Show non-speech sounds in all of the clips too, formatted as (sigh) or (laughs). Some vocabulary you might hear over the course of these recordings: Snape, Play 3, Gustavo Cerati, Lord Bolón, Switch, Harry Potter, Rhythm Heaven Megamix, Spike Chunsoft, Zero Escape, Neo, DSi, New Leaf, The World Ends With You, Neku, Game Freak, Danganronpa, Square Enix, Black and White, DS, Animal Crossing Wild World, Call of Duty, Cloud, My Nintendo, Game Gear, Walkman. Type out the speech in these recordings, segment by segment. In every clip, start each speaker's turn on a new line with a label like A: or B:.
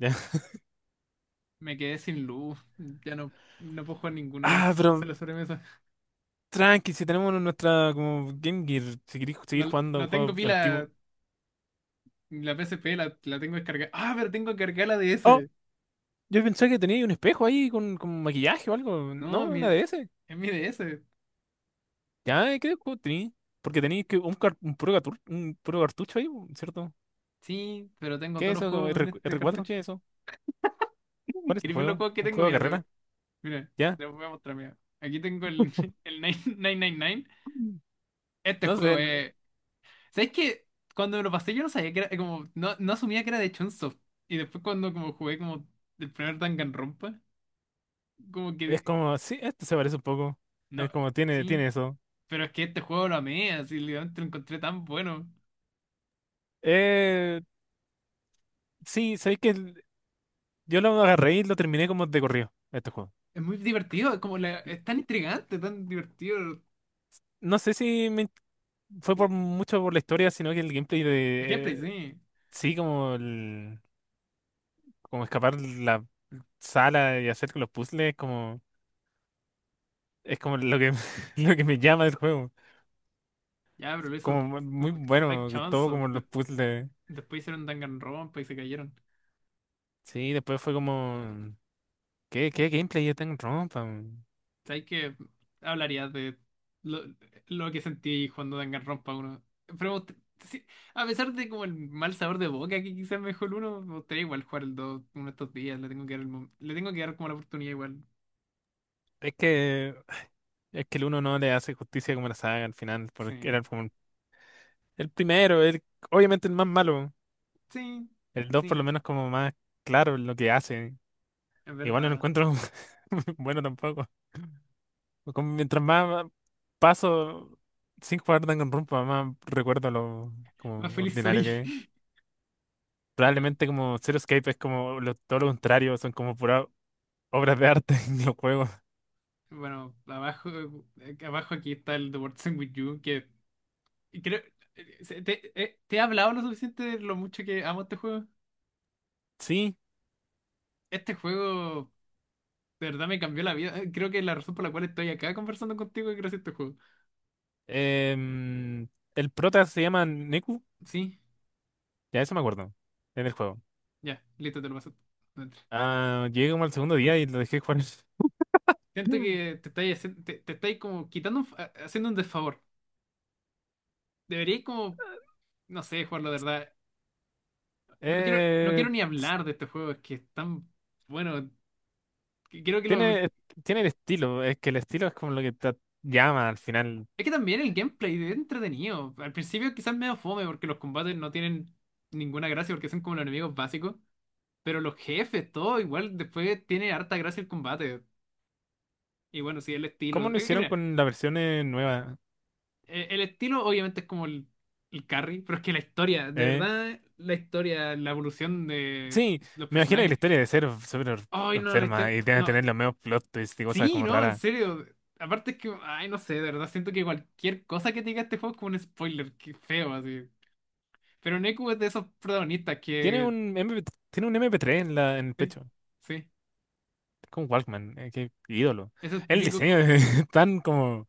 A: (laughs) Ya.
B: Me quedé sin luz. Ya no, no puedo jugar ninguna de mis
A: Ah,
B: cosas en
A: pero
B: la sobremesa.
A: tranqui, si tenemos nuestra como Game Gear, si queréis seguir
B: No,
A: jugando
B: no tengo
A: juegos antiguos.
B: pila. La PSP la tengo descargada. Ah, pero tengo cargada la
A: Oh,
B: DS.
A: yo pensé que tenía un espejo ahí con maquillaje o algo. No,
B: No, mi,
A: una de ese.
B: es mi DS.
A: Ya, creo que tenía. Porque tenéis que un, car- un, puro gatur- un puro cartucho ahí, ¿cierto?
B: Sí, pero tengo
A: ¿Qué
B: todos
A: es
B: los
A: eso?
B: juegos en
A: r
B: este
A: cuatro,
B: cartucho.
A: ¿qué es eso? ¿Cuál
B: (laughs)
A: es este
B: ¿Quieres ver los
A: juego?
B: juegos que
A: ¿Un
B: tengo?
A: juego de carrera?
B: Mira,
A: ¿Ya?
B: te los voy a mostrar. Mira. Aquí tengo el, (laughs) el 999.
A: Mm.
B: Este
A: No
B: juego
A: sé,
B: es. ¿Sabes qué? Cuando me lo pasé, yo no sabía que era. Como, no, no asumía que era de Chunsoft. Y después, cuando como jugué como el primer Danganronpa, como que
A: es como, sí, esto se parece un poco.
B: no,
A: Es como, tiene,
B: sí,
A: tiene eso.
B: pero es que este juego lo amé, así literalmente lo encontré tan bueno.
A: Eh, sí, sabéis que yo lo agarré y lo terminé como de corrido, este juego.
B: Es muy divertido, es como es tan intrigante, tan divertido.
A: No sé si fue por
B: El
A: mucho por la historia, sino que el gameplay
B: gameplay,
A: de
B: sí.
A: sí, como escapar la sala y hacer los puzzles, como es como lo que (laughs) lo que me llama del juego.
B: Ya, pero eso,
A: Como muy
B: como Spike
A: bueno, todo como
B: Chunsoft,
A: los puzzles.
B: después hicieron Danganronpa y se cayeron.
A: Sí, después fue como qué gameplay es tan rompa, weón?
B: ¿Sabes qué? Hablarías de lo, lo que sentí jugando Danganronpa 1. Pero me sí, a pesar de como el mal sabor de boca que quizás mejor el 1, me gustaría igual jugar el 2 uno de estos días. Le tengo que dar, el le tengo que dar como la oportunidad igual.
A: Es que es que el uno no le hace justicia como la saga al final, porque
B: Sí,
A: era como el primero, el obviamente el más malo.
B: sí.
A: El dos por lo
B: Sí,
A: menos como más claro en lo que hace.
B: es
A: Igual no lo
B: verdad.
A: encuentro (laughs) bueno tampoco. Como mientras más paso sin jugar Danganronpa, más recuerdo lo
B: Más
A: como
B: feliz
A: ordinario
B: soy.
A: que es.
B: (laughs) Bueno,
A: Probablemente como Zero Escape es como todo lo contrario, son como puras obras de arte (laughs) en los juegos.
B: bueno, abajo, abajo aquí está el The World Ends With You, que creo... ¿Te, te he hablado lo suficiente de lo mucho que amo este juego?
A: Sí,
B: Este juego de verdad me cambió la vida. Creo que la razón por la cual estoy acá conversando contigo es gracias a este juego.
A: em, el prota se llama Neku,
B: Sí,
A: ya eso me acuerdo, en el juego.
B: ya, listo, te lo paso. Dentro.
A: Ah, llegué como al segundo día y lo dejé jugar. (laughs)
B: Siento
A: Mm.
B: que te estáis, te, te estáis como quitando, un haciendo un desfavor. Deberíais como, no sé, jugarlo de verdad. No quiero, no
A: Eh,
B: quiero ni hablar de este juego, es que es tan... Bueno, que creo que lo...
A: tiene, tiene el estilo, es que el estilo es como lo que te llama al final.
B: Es que también el gameplay es entretenido. Al principio quizás medio fome porque los combates no tienen ninguna gracia porque son como los enemigos básicos. Pero los jefes, todo igual, después tiene harta gracia el combate. Y bueno, sí, el
A: ¿Cómo
B: estilo.
A: lo
B: Es que
A: hicieron
B: mira,
A: con la versión nueva?
B: el estilo obviamente es como el carry, pero es que la historia, de
A: ¿Eh?
B: verdad, la historia, la evolución de
A: Sí,
B: los
A: me imagino que la
B: personajes.
A: historia de ser súper
B: Ay, no, la
A: enferma
B: historia.
A: y tiene que
B: No,
A: tener los mismos plot twists y cosas
B: sí,
A: como
B: no, en
A: raras.
B: serio. Aparte es que, ay, no sé, de verdad, siento que cualquier cosa que te diga este juego es como un spoiler, qué feo, así. Pero Neku es de esos protagonistas
A: Tiene
B: que.
A: un MP, tiene un MP3 en el
B: Sí,
A: pecho.
B: sí.
A: Es como un Walkman, qué ídolo.
B: Esos
A: El
B: típicos.
A: diseño es (laughs) tan como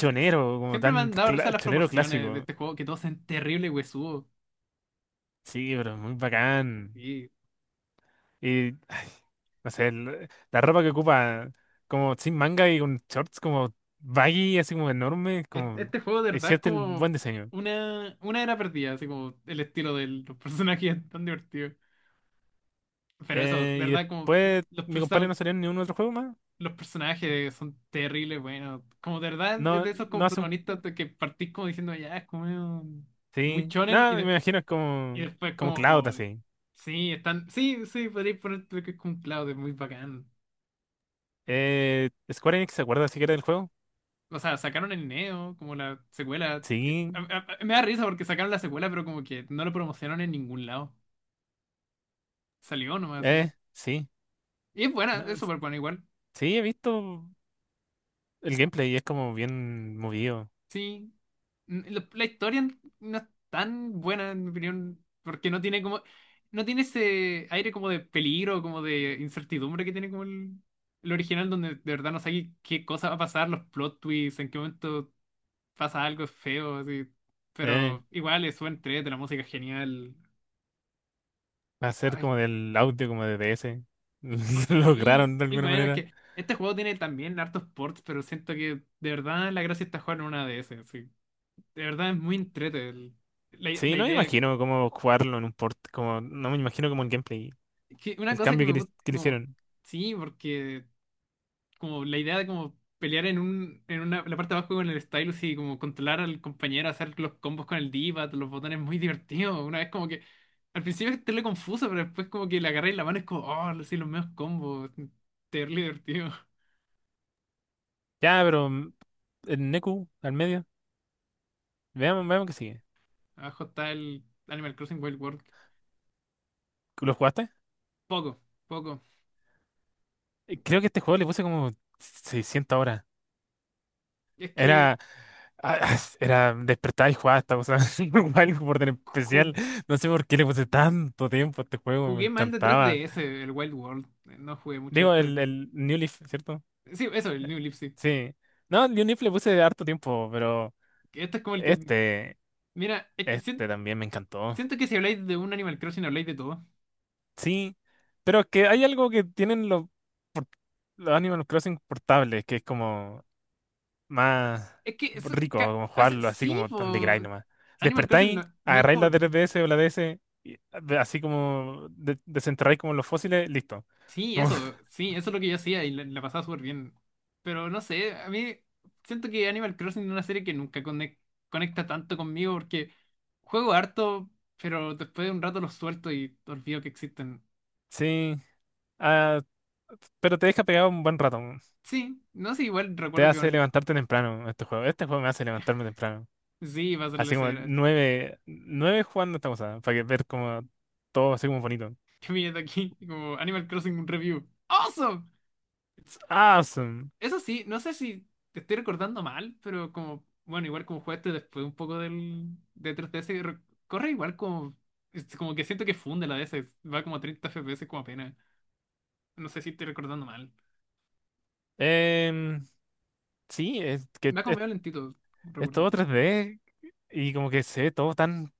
B: Sí, sí.
A: como
B: Siempre me
A: tan
B: han dado risa las
A: chonero
B: proporciones de
A: clásico.
B: este juego, que todos son terribles huesudos.
A: Sí, pero es muy bacán.
B: Y
A: Y no sé, la ropa que ocupa como sin manga y con shorts como baggy, así como enorme, como
B: este juego de
A: es
B: verdad es
A: cierto el buen
B: como
A: diseño.
B: una era perdida, así como el estilo de los (laughs) personajes es tan divertido. Pero eso, de
A: Y
B: verdad, como
A: después
B: los,
A: mi compadre
B: perso-
A: no salió en ningún otro juego más.
B: los personajes son terribles, bueno. Como de verdad es
A: No,
B: de esos
A: no
B: como
A: hace un...
B: protagonistas de que partís como diciendo, ya, es como medio muy
A: Sí.
B: chonen y,
A: Nada, me imagino es
B: y
A: como,
B: después
A: como
B: como,
A: Cloud
B: oh,
A: así.
B: sí, están, sí, sí, podríais poner lo que es con Cloud, es muy bacán.
A: Square Enix, ¿se acuerda siquiera del juego?
B: O sea, sacaron el Neo, como la secuela.
A: Sí.
B: Me da risa porque sacaron la secuela, pero como que no lo promocionaron en ningún lado. Salió nomás. Así.
A: Sí.
B: Y es buena,
A: No,
B: es súper buena igual.
A: sí, he visto el gameplay y es como bien movido.
B: Sí. La, la historia no es tan buena, en mi opinión, porque no tiene como, no tiene ese aire como de peligro, como de incertidumbre que tiene como el original donde de verdad no sabes qué cosa va a pasar, los plot twists, en qué momento pasa algo feo, así.
A: Eh,
B: Pero igual es buen de la música es genial.
A: Va a ser
B: Ay,
A: como del audio, como de DS. (laughs)
B: sí,
A: Lograron de
B: y
A: alguna
B: bueno, es
A: manera.
B: que este juego tiene también hartos ports, pero siento que de verdad la gracia está jugar en una de esas, sí. De verdad es muy entrete la,
A: Sí,
B: la
A: no me
B: idea.
A: imagino cómo jugarlo en un port, como, no me imagino como el gameplay,
B: Que una
A: el
B: cosa que
A: cambio que
B: me
A: le,
B: gusta,
A: que le
B: como,
A: hicieron.
B: sí, porque como la idea de como pelear en un, en una, la parte de abajo con el Stylus y como controlar al compañero, hacer los combos con el D-pad, los botones muy (laughs) divertidos. Una vez como que al principio es terrible confuso, pero después como que le agarré la mano y es como, oh, sí, los medios combos. Terrible divertido.
A: Ya, pero el Neku al medio. Veamos, veamos qué sigue.
B: (laughs) Abajo está el Animal Crossing Wild World.
A: ¿Lo jugaste?
B: Poco, poco.
A: Creo que este juego le puse como 600 horas.
B: Es que
A: Era, (laughs) Era despertar y jugar esta cosa. (laughs) Algo por tener
B: ju-
A: especial. No sé por qué le puse tanto tiempo a este juego. Me
B: jugué mal de
A: encantaba.
B: 3DS el Wild World. No jugué mucho
A: Digo,
B: este.
A: el New Leaf, ¿cierto?
B: Sí, eso, el
A: Eh,
B: New Leaf, sí.
A: Sí. No, el New Leaf le puse harto tiempo, pero
B: Este es como el que.
A: este,
B: Mira, es que
A: este también me encantó.
B: siento que si habláis de un Animal Crossing habláis de todo.
A: Sí. Pero es que hay algo que tienen por- los Animal Crossing portables, que es como más
B: Es que eso,
A: rico,
B: ca-
A: como
B: hace,
A: jugarlo así
B: sí,
A: como tan de grind
B: po,
A: nomás.
B: Animal Crossing
A: Despertáis,
B: no, no es
A: agarráis la
B: como...
A: 3DS o la DS, y así como desenterráis como los fósiles, listo. Como- (laughs)
B: Sí, eso es lo que yo hacía y la pasaba súper bien. Pero no sé, a mí siento que Animal Crossing es una serie que nunca conecta tanto conmigo porque juego harto, pero después de un rato los suelto y olvido que existen.
A: sí, ah, pero te deja pegado un buen rato.
B: Sí, no sé, igual
A: Te
B: recuerdo que
A: hace
B: con...
A: levantarte temprano este juego. Este juego me hace levantarme temprano.
B: Sí, va a ser la
A: Así como
B: escena.
A: nueve, nueve jugando esta cosa, para que ver como todo así como bonito.
B: (laughs) ¿Qué mierda aquí? Como Animal Crossing un review. ¡Awesome!
A: Awesome.
B: Eso sí, no sé si te estoy recordando mal, pero como, bueno, igual como jugaste después un poco del de 3DS, corre igual como, es como que siento que funde la DS, va como a 30 FPS como apenas. No sé si estoy recordando mal.
A: Em, sí, es que
B: Va como
A: es,
B: medio lentito,
A: es
B: recuerdo.
A: todo 3D y como que se ve todo tan.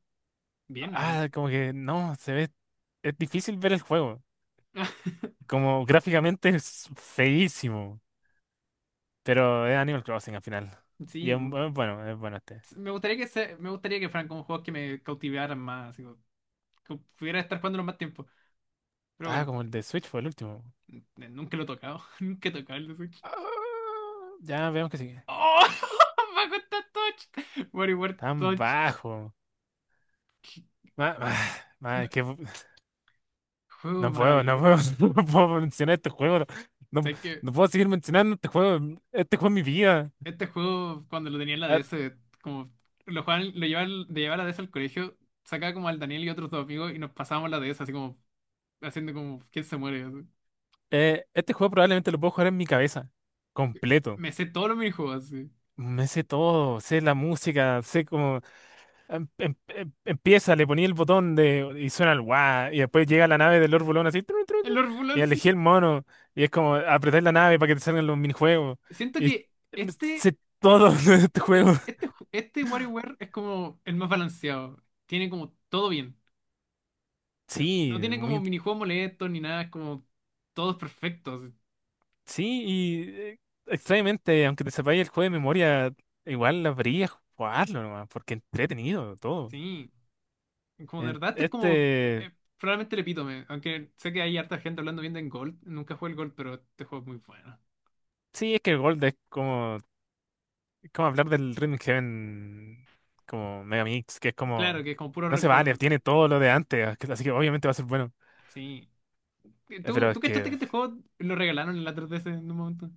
B: Bien, no sé.
A: Ah, como que no, se ve. Es difícil ver el juego.
B: (laughs)
A: Como gráficamente es feísimo. Pero es Animal Crossing al final. Y
B: Sí,
A: es bueno este.
B: me gustaría que se, me gustaría que fueran como juegos que me cautivaran más, así como, que pudiera estar jugándolo más tiempo. Pero
A: Ah,
B: bueno,
A: como el de Switch fue el último.
B: nunca lo he tocado, (laughs) nunca he tocado el de Switch.
A: Ah, ya vemos que sigue.
B: ¡Oh! (laughs) Me gusta Touch. Mario World
A: Tan
B: Touch.
A: bajo. Ma- ma- (sighs) es que (laughs) no
B: Juego
A: puedo, no
B: maravilloso.
A: puedo, (laughs) no puedo mencionar este juego. No,
B: Sé que
A: no puedo seguir mencionando este juego. Este juego es mi vida.
B: este juego, cuando lo tenía en la
A: Ah,
B: DS, como lo jugaban, lo llevaban, de llevar la DS al colegio, sacaba como al Daniel y otros dos amigos y nos pasábamos la DS así como haciendo como quién se muere. Así.
A: este juego probablemente lo puedo jugar en mi cabeza. Completo.
B: Me sé todos los minijuegos así.
A: Me sé todo, sé la música, sé cómo empieza, le ponía el botón de y suena el guau, y después llega la nave del Lord Bolón así, tru, tru, tru,
B: El
A: y
B: Orphulan
A: elegí
B: sí.
A: el mono, y es como apretar la nave para que te salgan los minijuegos.
B: Siento
A: Y
B: que
A: me
B: este,
A: sé todo (laughs) de este juego.
B: este WarioWare es como el más balanceado. Tiene como todo bien.
A: Sí,
B: No tiene como
A: muy,
B: minijuegos molestos ni nada, es como todos perfectos.
A: sí, y extrañamente, aunque te sepáis el juego de memoria, igual habría jugarlo nomás, porque entretenido todo.
B: Sí. Como de verdad, este es como
A: Este,
B: probablemente el epítome. Aunque sé que hay harta gente hablando bien de Gold. Nunca jugué el Gold, pero este juego es muy bueno.
A: sí, es que el Gold es como. Es como hablar del Rhythm Heaven como Megamix, que es
B: Claro
A: como.
B: que es como puro
A: No se vale,
B: recuerdo.
A: tiene todo lo de antes, así que obviamente va a ser bueno.
B: Sí.
A: Pero
B: Tú
A: es
B: cachaste que
A: que.
B: este juego lo regalaron en la 3DS en un momento?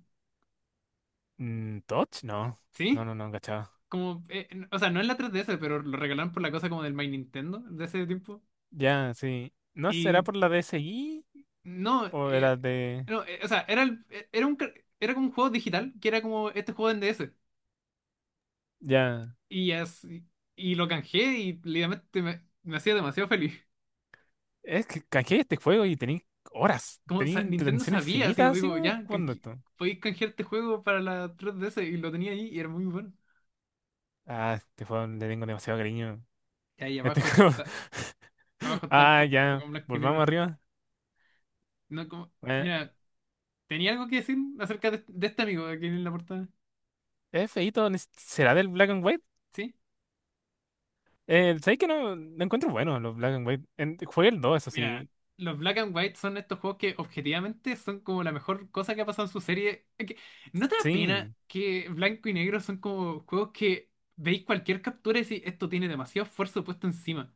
A: Mm, ¿Touch? No. No,
B: ¿Sí?
A: no, no, cachaba.
B: Como, o sea, no en la 3DS, pero lo regalaron por la cosa como del My Nintendo de ese tiempo.
A: Ya, sí. ¿No será
B: Y
A: por la DS DSi?
B: no,
A: ¿O era de?
B: no, o sea, era un, era como un juego digital que era como este juego en DS.
A: Ya.
B: Y, y lo canjeé y literalmente me hacía demasiado feliz.
A: Es que canjeé este juego y tenéis horas.
B: Como
A: Tenéis
B: Nintendo
A: intención
B: sabía, así
A: infinita,
B: como
A: así
B: digo,
A: como
B: ya,
A: jugando esto.
B: podéis canjear este juego para la 3DS y lo tenía ahí y era muy bueno.
A: Ah, este juego le tengo demasiado cariño.
B: Y ahí
A: Este juego. (laughs)
B: abajo está el
A: Ah, ya.
B: Pokémon blanco y
A: Volvamos
B: negro.
A: arriba.
B: No, como,
A: Eh,
B: mira, ¿tenía algo que decir acerca de este amigo aquí en la portada?
A: es feíto, ¿será del Black and White?
B: Sí,
A: ¿Sabes que no? Lo encuentro bueno, los Black and White. Jugué el 2 eso
B: mira,
A: sí.
B: los Black and White son estos juegos que objetivamente son como la mejor cosa que ha pasado en su serie. Es que, ¿no te da pena
A: Sí,
B: que blanco y negro son como juegos que veis cualquier captura y decís, esto tiene demasiado esfuerzo puesto encima?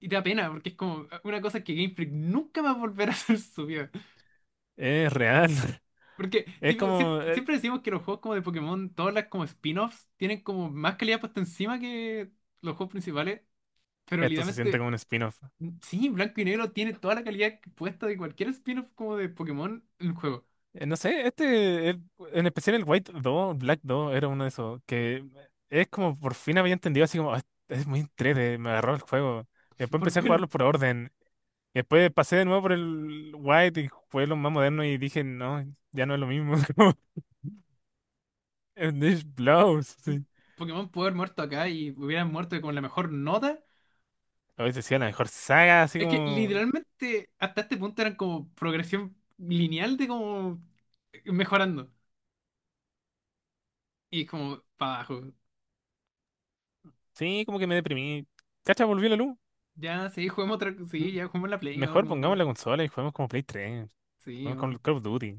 B: Y da pena, porque es como ah, una cosa que Game Freak nunca va a volver a (laughs) hacer su vida.
A: es real. (laughs)
B: Porque,
A: Es
B: tipo, siempre,
A: como,
B: siempre decimos que los juegos como de Pokémon, todas las como spin-offs, tienen como más calidad puesta encima que los juegos principales. Pero
A: esto se siente
B: literalmente,
A: como un spin-off.
B: sí, Blanco y Negro tiene toda la calidad puesta de cualquier spin-off como de Pokémon en el juego.
A: No sé, este, en especial el White 2 Black 2 era uno de esos que... Es como por fin había entendido así como... "Ah, es, muy entrete, me agarró el juego. Y
B: (laughs)
A: después
B: Por
A: empecé a jugarlo
B: fin,
A: por orden. Y después pasé de nuevo por el White y jugué lo más moderno y dije, no, ya no es lo mismo. (laughs) Como, Dish Blows, sí.
B: Pokémon pudo haber muerto acá y hubieran muerto con la mejor nota.
A: A veces sí, la mejor saga, así
B: Es que
A: como.
B: literalmente hasta este punto eran como progresión lineal de como mejorando. Y como para abajo.
A: Sí, como que me deprimí. Cacha, volvió la luz.
B: Ya, sí, jugamos otra. Sí,
A: M-
B: ya jugamos la Play. Oh,
A: Mejor
B: como
A: pongamos
B: que.
A: la consola y juguemos como Play 3.
B: Sí,
A: Juguemos
B: oh,
A: con Call of Duty.